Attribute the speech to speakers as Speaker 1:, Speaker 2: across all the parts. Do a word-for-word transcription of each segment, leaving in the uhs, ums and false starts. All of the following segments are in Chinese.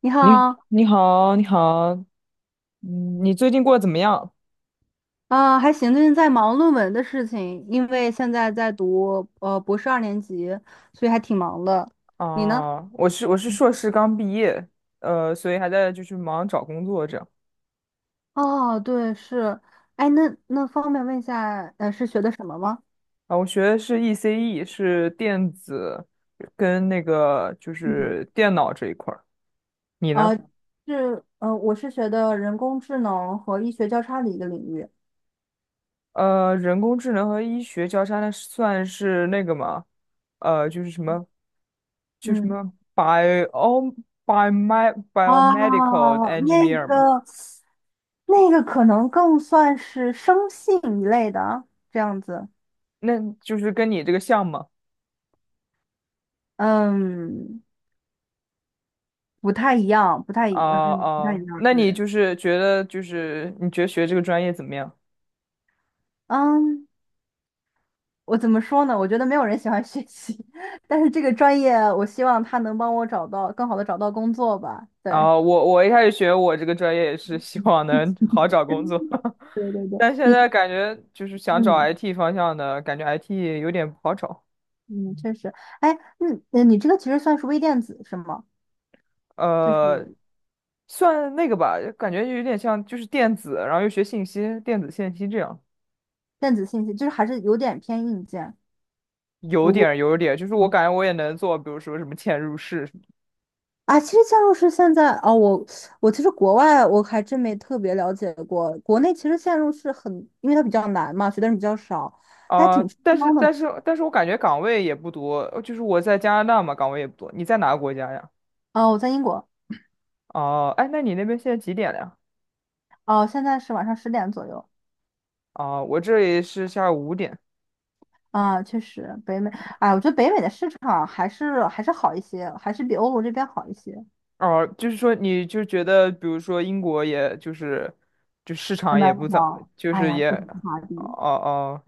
Speaker 1: 你
Speaker 2: 你
Speaker 1: 好，
Speaker 2: 你好，你好，嗯，你最近过得怎么样？
Speaker 1: 啊、还行，最近在忙论文的事情，因为现在在读呃博士二年级，所以还挺忙的。你呢？
Speaker 2: 啊，我是我是硕士刚毕业，呃，所以还在就是忙找工作这样。
Speaker 1: 哦，对，是，哎，那那方便问一下，呃，是学的什么吗？
Speaker 2: 啊，我学的是 E C E，是电子跟那个就
Speaker 1: 嗯，
Speaker 2: 是电脑这一块儿。你
Speaker 1: 啊，
Speaker 2: 呢？
Speaker 1: 是，呃，我是学的人工智能和医学交叉的一个领域。
Speaker 2: 呃，人工智能和医学交叉，那算是那个吗？呃，就是什么，就什
Speaker 1: 嗯，
Speaker 2: 么 bio bio
Speaker 1: 哦，
Speaker 2: biomedical
Speaker 1: 那
Speaker 2: engineer 嘛，
Speaker 1: 个，那个可能更算是生信一类的这样子。
Speaker 2: 那就是跟你这个像吗？
Speaker 1: 嗯。不太一样，不太
Speaker 2: 哦
Speaker 1: 一，嗯，不太一
Speaker 2: 哦，
Speaker 1: 样，
Speaker 2: 那你
Speaker 1: 对，
Speaker 2: 就是觉得就是你觉得学这个专业怎么样？
Speaker 1: 嗯，我怎么说呢？我觉得没有人喜欢学习，但是这个专业，我希望他能帮我找到更好的找到工作吧。对，
Speaker 2: 啊，我我一开始学我这个专业也是希望能好找工作，
Speaker 1: 对对对，
Speaker 2: 但现
Speaker 1: 你，
Speaker 2: 在感觉就是想找
Speaker 1: 嗯
Speaker 2: I T 方向的，感觉 I T 有点不好找。
Speaker 1: 嗯，确实，哎，嗯，呃你这个其实算是微电子是吗？就
Speaker 2: 呃，
Speaker 1: 是
Speaker 2: 算那个吧，感觉有点像就是电子，然后又学信息，电子信息这样，
Speaker 1: 电子信息，就是还是有点偏硬件。
Speaker 2: 有
Speaker 1: 如
Speaker 2: 点
Speaker 1: 果。
Speaker 2: 儿有点儿就是我感觉我也能做，比如说什么嵌入式，
Speaker 1: 啊，其实嵌入式现在哦，我我其实国外我还真没特别了解过，国内其实嵌入式很，因为它比较难嘛，学的人比较少，它还
Speaker 2: 啊、
Speaker 1: 挺吃
Speaker 2: 但是
Speaker 1: 香的嘛。
Speaker 2: 但是但是我感觉岗位也不多，呃就是我在加拿大嘛，岗位也不多。你在哪个国家呀？
Speaker 1: 哦，我在英国，
Speaker 2: 哦、哎，那你那边现在几点了呀？
Speaker 1: 哦，现在是晚上十点左右
Speaker 2: 啊、我这里是下午五点。
Speaker 1: 啊，确实北美，哎，我觉得北美的市场还是还是好一些，还是比欧洲这边好一些。
Speaker 2: 哦、就是说你就觉得，比如说英国，也就是就市
Speaker 1: 很
Speaker 2: 场也
Speaker 1: 难
Speaker 2: 不怎，
Speaker 1: 找，
Speaker 2: 就
Speaker 1: 哎
Speaker 2: 是
Speaker 1: 呀，
Speaker 2: 也，
Speaker 1: 不止华
Speaker 2: 哦
Speaker 1: 币。
Speaker 2: 哦，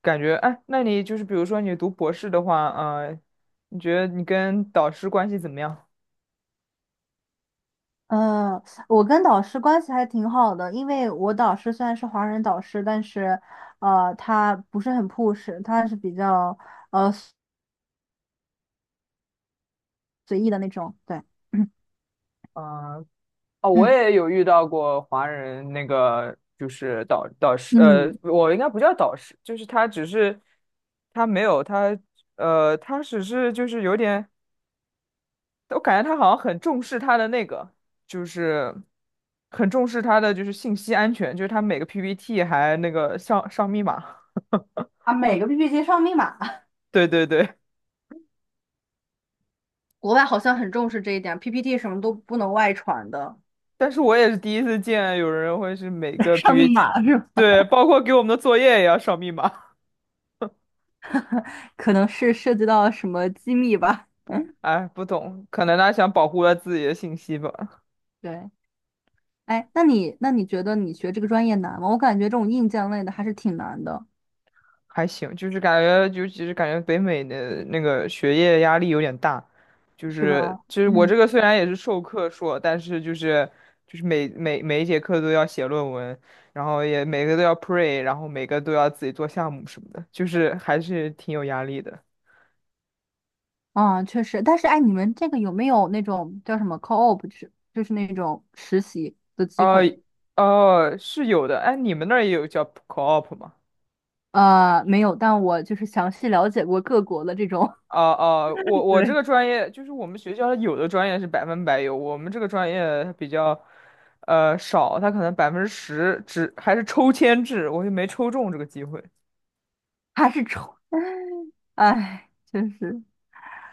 Speaker 2: 感觉哎，那你就是比如说你读博士的话，呃，你觉得你跟导师关系怎么样？
Speaker 1: 呃，我跟导师关系还挺好的，因为我导师虽然是华人导师，但是，呃，他不是很 push，他是比较随意的那种。对，嗯
Speaker 2: 啊、哦，我
Speaker 1: 嗯
Speaker 2: 也有遇到过华人，那个就是导导师，呃，
Speaker 1: 嗯，
Speaker 2: 我应该不叫导师，就是他只是他没有他，呃，他只是就是有点，我感觉他好像很重视他的那个，就是很重视他的就是信息安全，就是他每个 P P T 还那个上上密码，
Speaker 1: 啊，每个 P P T 上密码，
Speaker 2: 对对对，
Speaker 1: 国外好像很重视这一点，P P T 什么都不能外传的。
Speaker 2: 但是我也是第一次见有人会是每 个
Speaker 1: 上密
Speaker 2: P P T，
Speaker 1: 码是吧？
Speaker 2: 对，包括给我们的作业也要上密码，
Speaker 1: 可能是涉及到什么机密吧。嗯，
Speaker 2: 哎，不懂，可能他想保护他自己的信息吧。
Speaker 1: 对。哎，那你那你觉得你学这个专业难吗？我感觉这种硬件类的还是挺难的，
Speaker 2: 还行，就是感觉，就其实感觉北美的那个学业压力有点大，就
Speaker 1: 是吧？
Speaker 2: 是就是我这个虽然也是授课硕，但是就是就是每每每一节课都要写论文，然后也每个都要 pre，然后每个都要自己做项目什么的，就是还是挺有压力的。
Speaker 1: 嗯，确实，但是哎，你们这个有没有那种叫什么 co-op，就是就是那种实习的机
Speaker 2: 哦
Speaker 1: 会？
Speaker 2: 哦，是有的，哎，你们那儿也有叫 co-op 吗？
Speaker 1: 呃，没有，但我就是详细了解过各国的这种，
Speaker 2: 哦哦，我 我这
Speaker 1: 对，
Speaker 2: 个专业就是我们学校有的专业是百分百有，我们这个专业它比较呃少，他可能百分之十只还是抽签制，我就没抽中这个机会。
Speaker 1: 还是愁，哎，确实，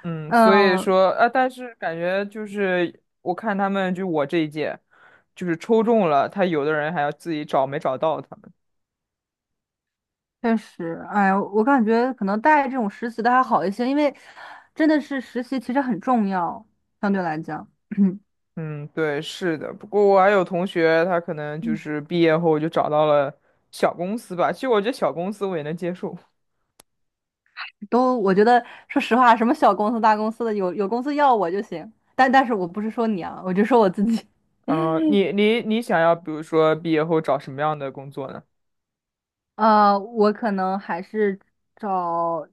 Speaker 2: 嗯，所以
Speaker 1: 嗯，
Speaker 2: 说啊，但是感觉就是我看他们就我这一届，就是抽中了，他有的人还要自己找没找到他们。
Speaker 1: 确实，哎，我感觉可能带这种实习的还好一些，因为真的是实习其实很重要，相对来讲，
Speaker 2: 嗯，对，是的。不过我还有同学，他可能就
Speaker 1: 嗯，
Speaker 2: 是毕业后就找到了小公司吧。其实我觉得小公司我也能接受。
Speaker 1: 都我觉得说实话，什么小公司大公司的，有有公司要我就行，但但是我不是说你啊，我就说我自己。
Speaker 2: 嗯，你 你你想要，比如说毕业后找什么样的工作呢？
Speaker 1: 呃，我可能还是找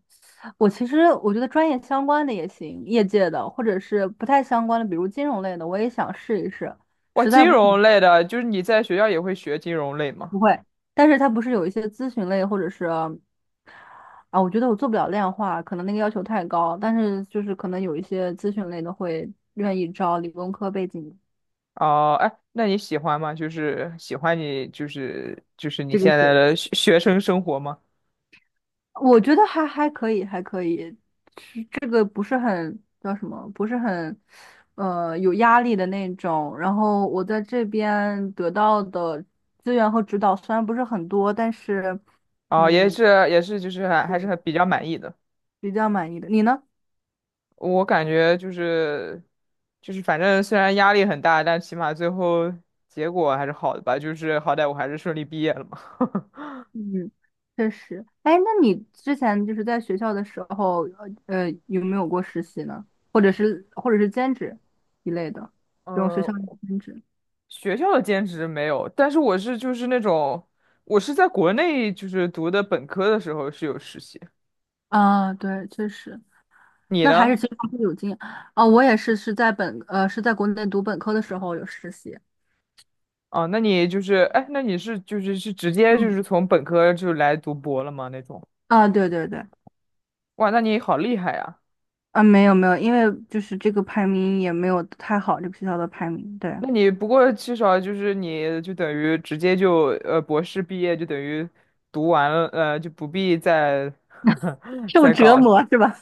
Speaker 1: 我，其实我觉得专业相关的也行，业界的，或者是不太相关的，比如金融类的，我也想试一试。
Speaker 2: 哇，
Speaker 1: 实在
Speaker 2: 金
Speaker 1: 不行
Speaker 2: 融类的，就是你在学校也会学金融类 吗？
Speaker 1: 不会，但是它不是有一些咨询类，或者是啊，我觉得我做不了量化，可能那个要求太高。但是就是可能有一些咨询类的会愿意招理工科背景
Speaker 2: 哦、哎，那你喜欢吗？就是喜欢你，就是就是你
Speaker 1: 这个
Speaker 2: 现在
Speaker 1: 学。
Speaker 2: 的学学生生活吗？
Speaker 1: 我觉得还还可以，还可以，是这个不是很叫什么，不是很，呃，有压力的那种。然后我在这边得到的资源和指导虽然不是很多，但是，
Speaker 2: 哦、也
Speaker 1: 嗯，
Speaker 2: 是也是，就是还还是很
Speaker 1: 我
Speaker 2: 比较满意的。
Speaker 1: 比较满意的。你呢？
Speaker 2: 我感觉就是就是反正虽然压力很大，但起码最后结果还是好的吧。就是好歹我还是顺利毕业了嘛。
Speaker 1: 嗯，确实。哎，那你之前就是在学校的时候，呃，呃，有没有过实习呢？或者是或者是兼职一类的 这种学校里
Speaker 2: 嗯、
Speaker 1: 的兼职？
Speaker 2: 学校的兼职没有，但是我是就是那种，我是在国内就是读的本科的时候是有实习。
Speaker 1: 啊，对，确实。
Speaker 2: 你
Speaker 1: 那还
Speaker 2: 呢？
Speaker 1: 是其实还是有经验啊，我也是是在本呃是在国内读本科的时候有实习。
Speaker 2: 啊，那你就是，哎，那你是就是是直接就
Speaker 1: 嗯，
Speaker 2: 是从本科就来读博了吗？那种？
Speaker 1: 啊，对对对，
Speaker 2: 哇，那你好厉害呀！
Speaker 1: 啊，没有没有，因为就是这个排名也没有太好，这个学校的排名，对，
Speaker 2: 那你不过至少就是你就等于直接就呃博士毕业就等于读完了，呃就不必再
Speaker 1: 受
Speaker 2: 再
Speaker 1: 折
Speaker 2: 搞了
Speaker 1: 磨是吧？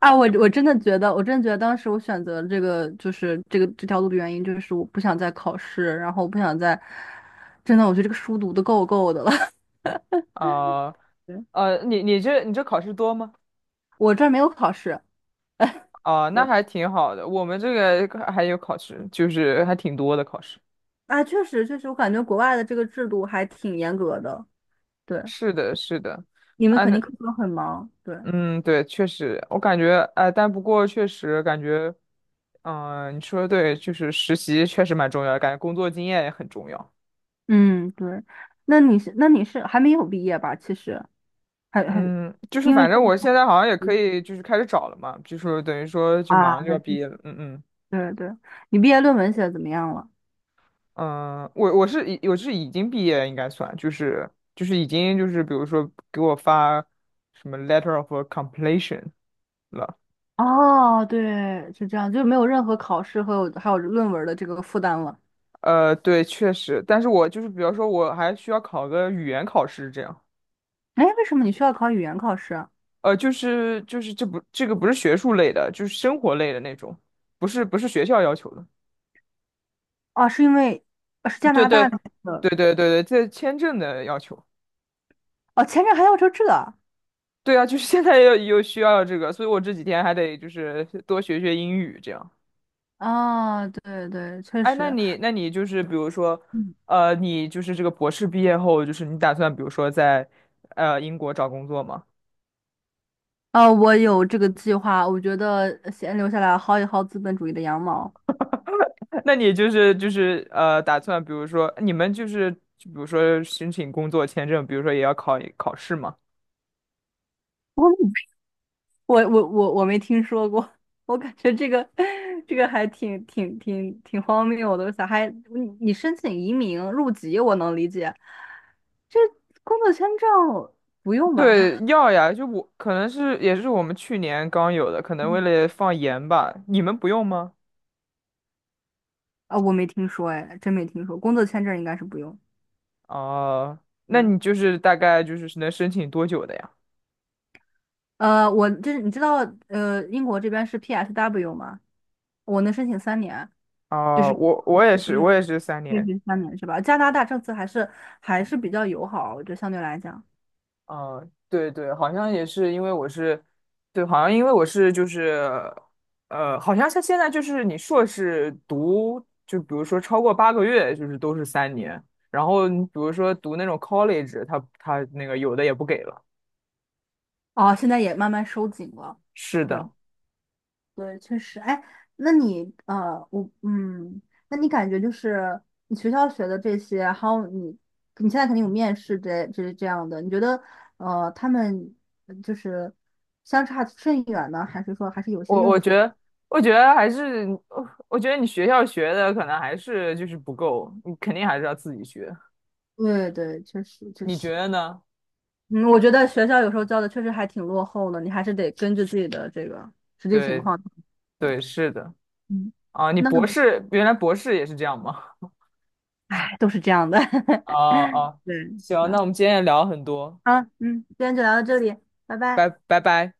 Speaker 1: 啊，我我真的觉得，我真的觉得当时我选择这个就是这个这条路的原因，就是我不想再考试，然后我不想再，真的，我觉得这个书读的够够的了。
Speaker 2: 啊
Speaker 1: 对，
Speaker 2: 呃，你你这你这考试多吗？
Speaker 1: 我这儿没有考试。
Speaker 2: 哦，那
Speaker 1: 对，
Speaker 2: 还挺好的。我们这个还有考试，就是还挺多的考试。
Speaker 1: 啊，确实确实，我感觉国外的这个制度还挺严格的。对，
Speaker 2: 是的，是的，
Speaker 1: 你们
Speaker 2: 啊，
Speaker 1: 肯定
Speaker 2: 那
Speaker 1: 工作很忙，对，
Speaker 2: 嗯，对，确实，我感觉，哎，但不过确实感觉，嗯、你说的对，就是实习确实蛮重要的，感觉工作经验也很重要。
Speaker 1: 嗯，对。那你是那你是还没有毕业吧？其实还还
Speaker 2: 嗯，就是
Speaker 1: 因为
Speaker 2: 反
Speaker 1: 现
Speaker 2: 正
Speaker 1: 在
Speaker 2: 我
Speaker 1: 还
Speaker 2: 现在好像也
Speaker 1: 十
Speaker 2: 可
Speaker 1: 一
Speaker 2: 以，就是开始找了嘛，就是等于说就马
Speaker 1: 啊，
Speaker 2: 上就
Speaker 1: 那
Speaker 2: 要毕
Speaker 1: 就
Speaker 2: 业
Speaker 1: 是
Speaker 2: 了。嗯嗯。
Speaker 1: 对对，你毕业论文写的怎么样了？
Speaker 2: 嗯，我我是已我是已经毕业，应该算，就是就是已经就是比如说给我发什么 letter of completion 了。
Speaker 1: 哦，对，是这样，就没有任何考试和有还有论文的这个负担了。
Speaker 2: 呃，对，确实，但是我就是比方说我还需要考个语言考试这样。
Speaker 1: 哎，为什么你需要考语言考试啊？
Speaker 2: 呃，就是就是这不这个不是学术类的，就是生活类的那种，不是不是学校要求的。
Speaker 1: 哦，是因为呃是加
Speaker 2: 对
Speaker 1: 拿
Speaker 2: 对
Speaker 1: 大的那个
Speaker 2: 对对对对，这签证的要求。
Speaker 1: 哦，前面还要求这
Speaker 2: 对啊，就是现在又又需要这个，所以我这几天还得就是多学学英语这样。
Speaker 1: 啊，对对，确
Speaker 2: 哎，那
Speaker 1: 实。
Speaker 2: 你那你就是比如说，呃，你就是这个博士毕业后，就是你打算比如说在呃英国找工作吗？
Speaker 1: 呃，我有这个计划，我觉得先留下来薅一薅资本主义的羊毛。
Speaker 2: 那你就是就是呃打算比如说你们就是就比如说申请工作签证，比如说也要考考试吗？
Speaker 1: 我我我我我没听说过，我感觉这个 这个还挺挺挺挺荒谬的。咋还你你申请移民入籍，我能理解，这工作签证不用吧？
Speaker 2: 对，要呀，就我可能是也是我们去年刚有的，可能为
Speaker 1: 嗯
Speaker 2: 了放盐吧，你们不用吗？
Speaker 1: 啊，我没听说，哎，真没听说，工作签证应该是不用。
Speaker 2: 哦、那
Speaker 1: 对，
Speaker 2: 你就是大概就是能申请多久的呀？
Speaker 1: 呃，我这你知道，呃，英国这边是 P S W 吗？我能申请三年，就是。
Speaker 2: 哦、我我也
Speaker 1: 不
Speaker 2: 是，
Speaker 1: 用。
Speaker 2: 我也是三
Speaker 1: 对
Speaker 2: 年。
Speaker 1: 对，三年是吧？加拿大政策还是还是比较友好，我觉得相对来讲，
Speaker 2: 啊，对对，好像也是因为我是，对，好像因为我是就是，呃，好像像现在就是你硕士读，就比如说超过八个月，就是都是三年，然后你比如说读那种 college，他他那个有的也不给了。
Speaker 1: 哦，现在也慢慢收紧了。
Speaker 2: 是
Speaker 1: 对
Speaker 2: 的，
Speaker 1: 对，确实。哎，那你呃，我嗯，那你感觉就是你学校学的这些，还有你你现在肯定有面试这这这样的，你觉得呃，他们就是相差甚远呢，还是说还是有些
Speaker 2: 我我
Speaker 1: 用
Speaker 2: 觉
Speaker 1: 处？
Speaker 2: 得，我觉得还是，呃我觉得你学校学的可能还是就是不够，你肯定还是要自己学，
Speaker 1: 对对，确实确
Speaker 2: 你觉
Speaker 1: 实。
Speaker 2: 得呢？
Speaker 1: 嗯，我觉得学校有时候教的确实还挺落后的，你还是得根据自己的这个实际情
Speaker 2: 对
Speaker 1: 况。对，
Speaker 2: 对，是的，
Speaker 1: 嗯，
Speaker 2: 啊，你
Speaker 1: 那
Speaker 2: 博士原来博士也是这样吗？
Speaker 1: 哎，都是这样的。
Speaker 2: 哦 哦，
Speaker 1: 对，
Speaker 2: 行，那
Speaker 1: 那
Speaker 2: 我们今天也聊了很多，
Speaker 1: 好，嗯，今天就聊到这里，拜拜。
Speaker 2: 拜拜拜。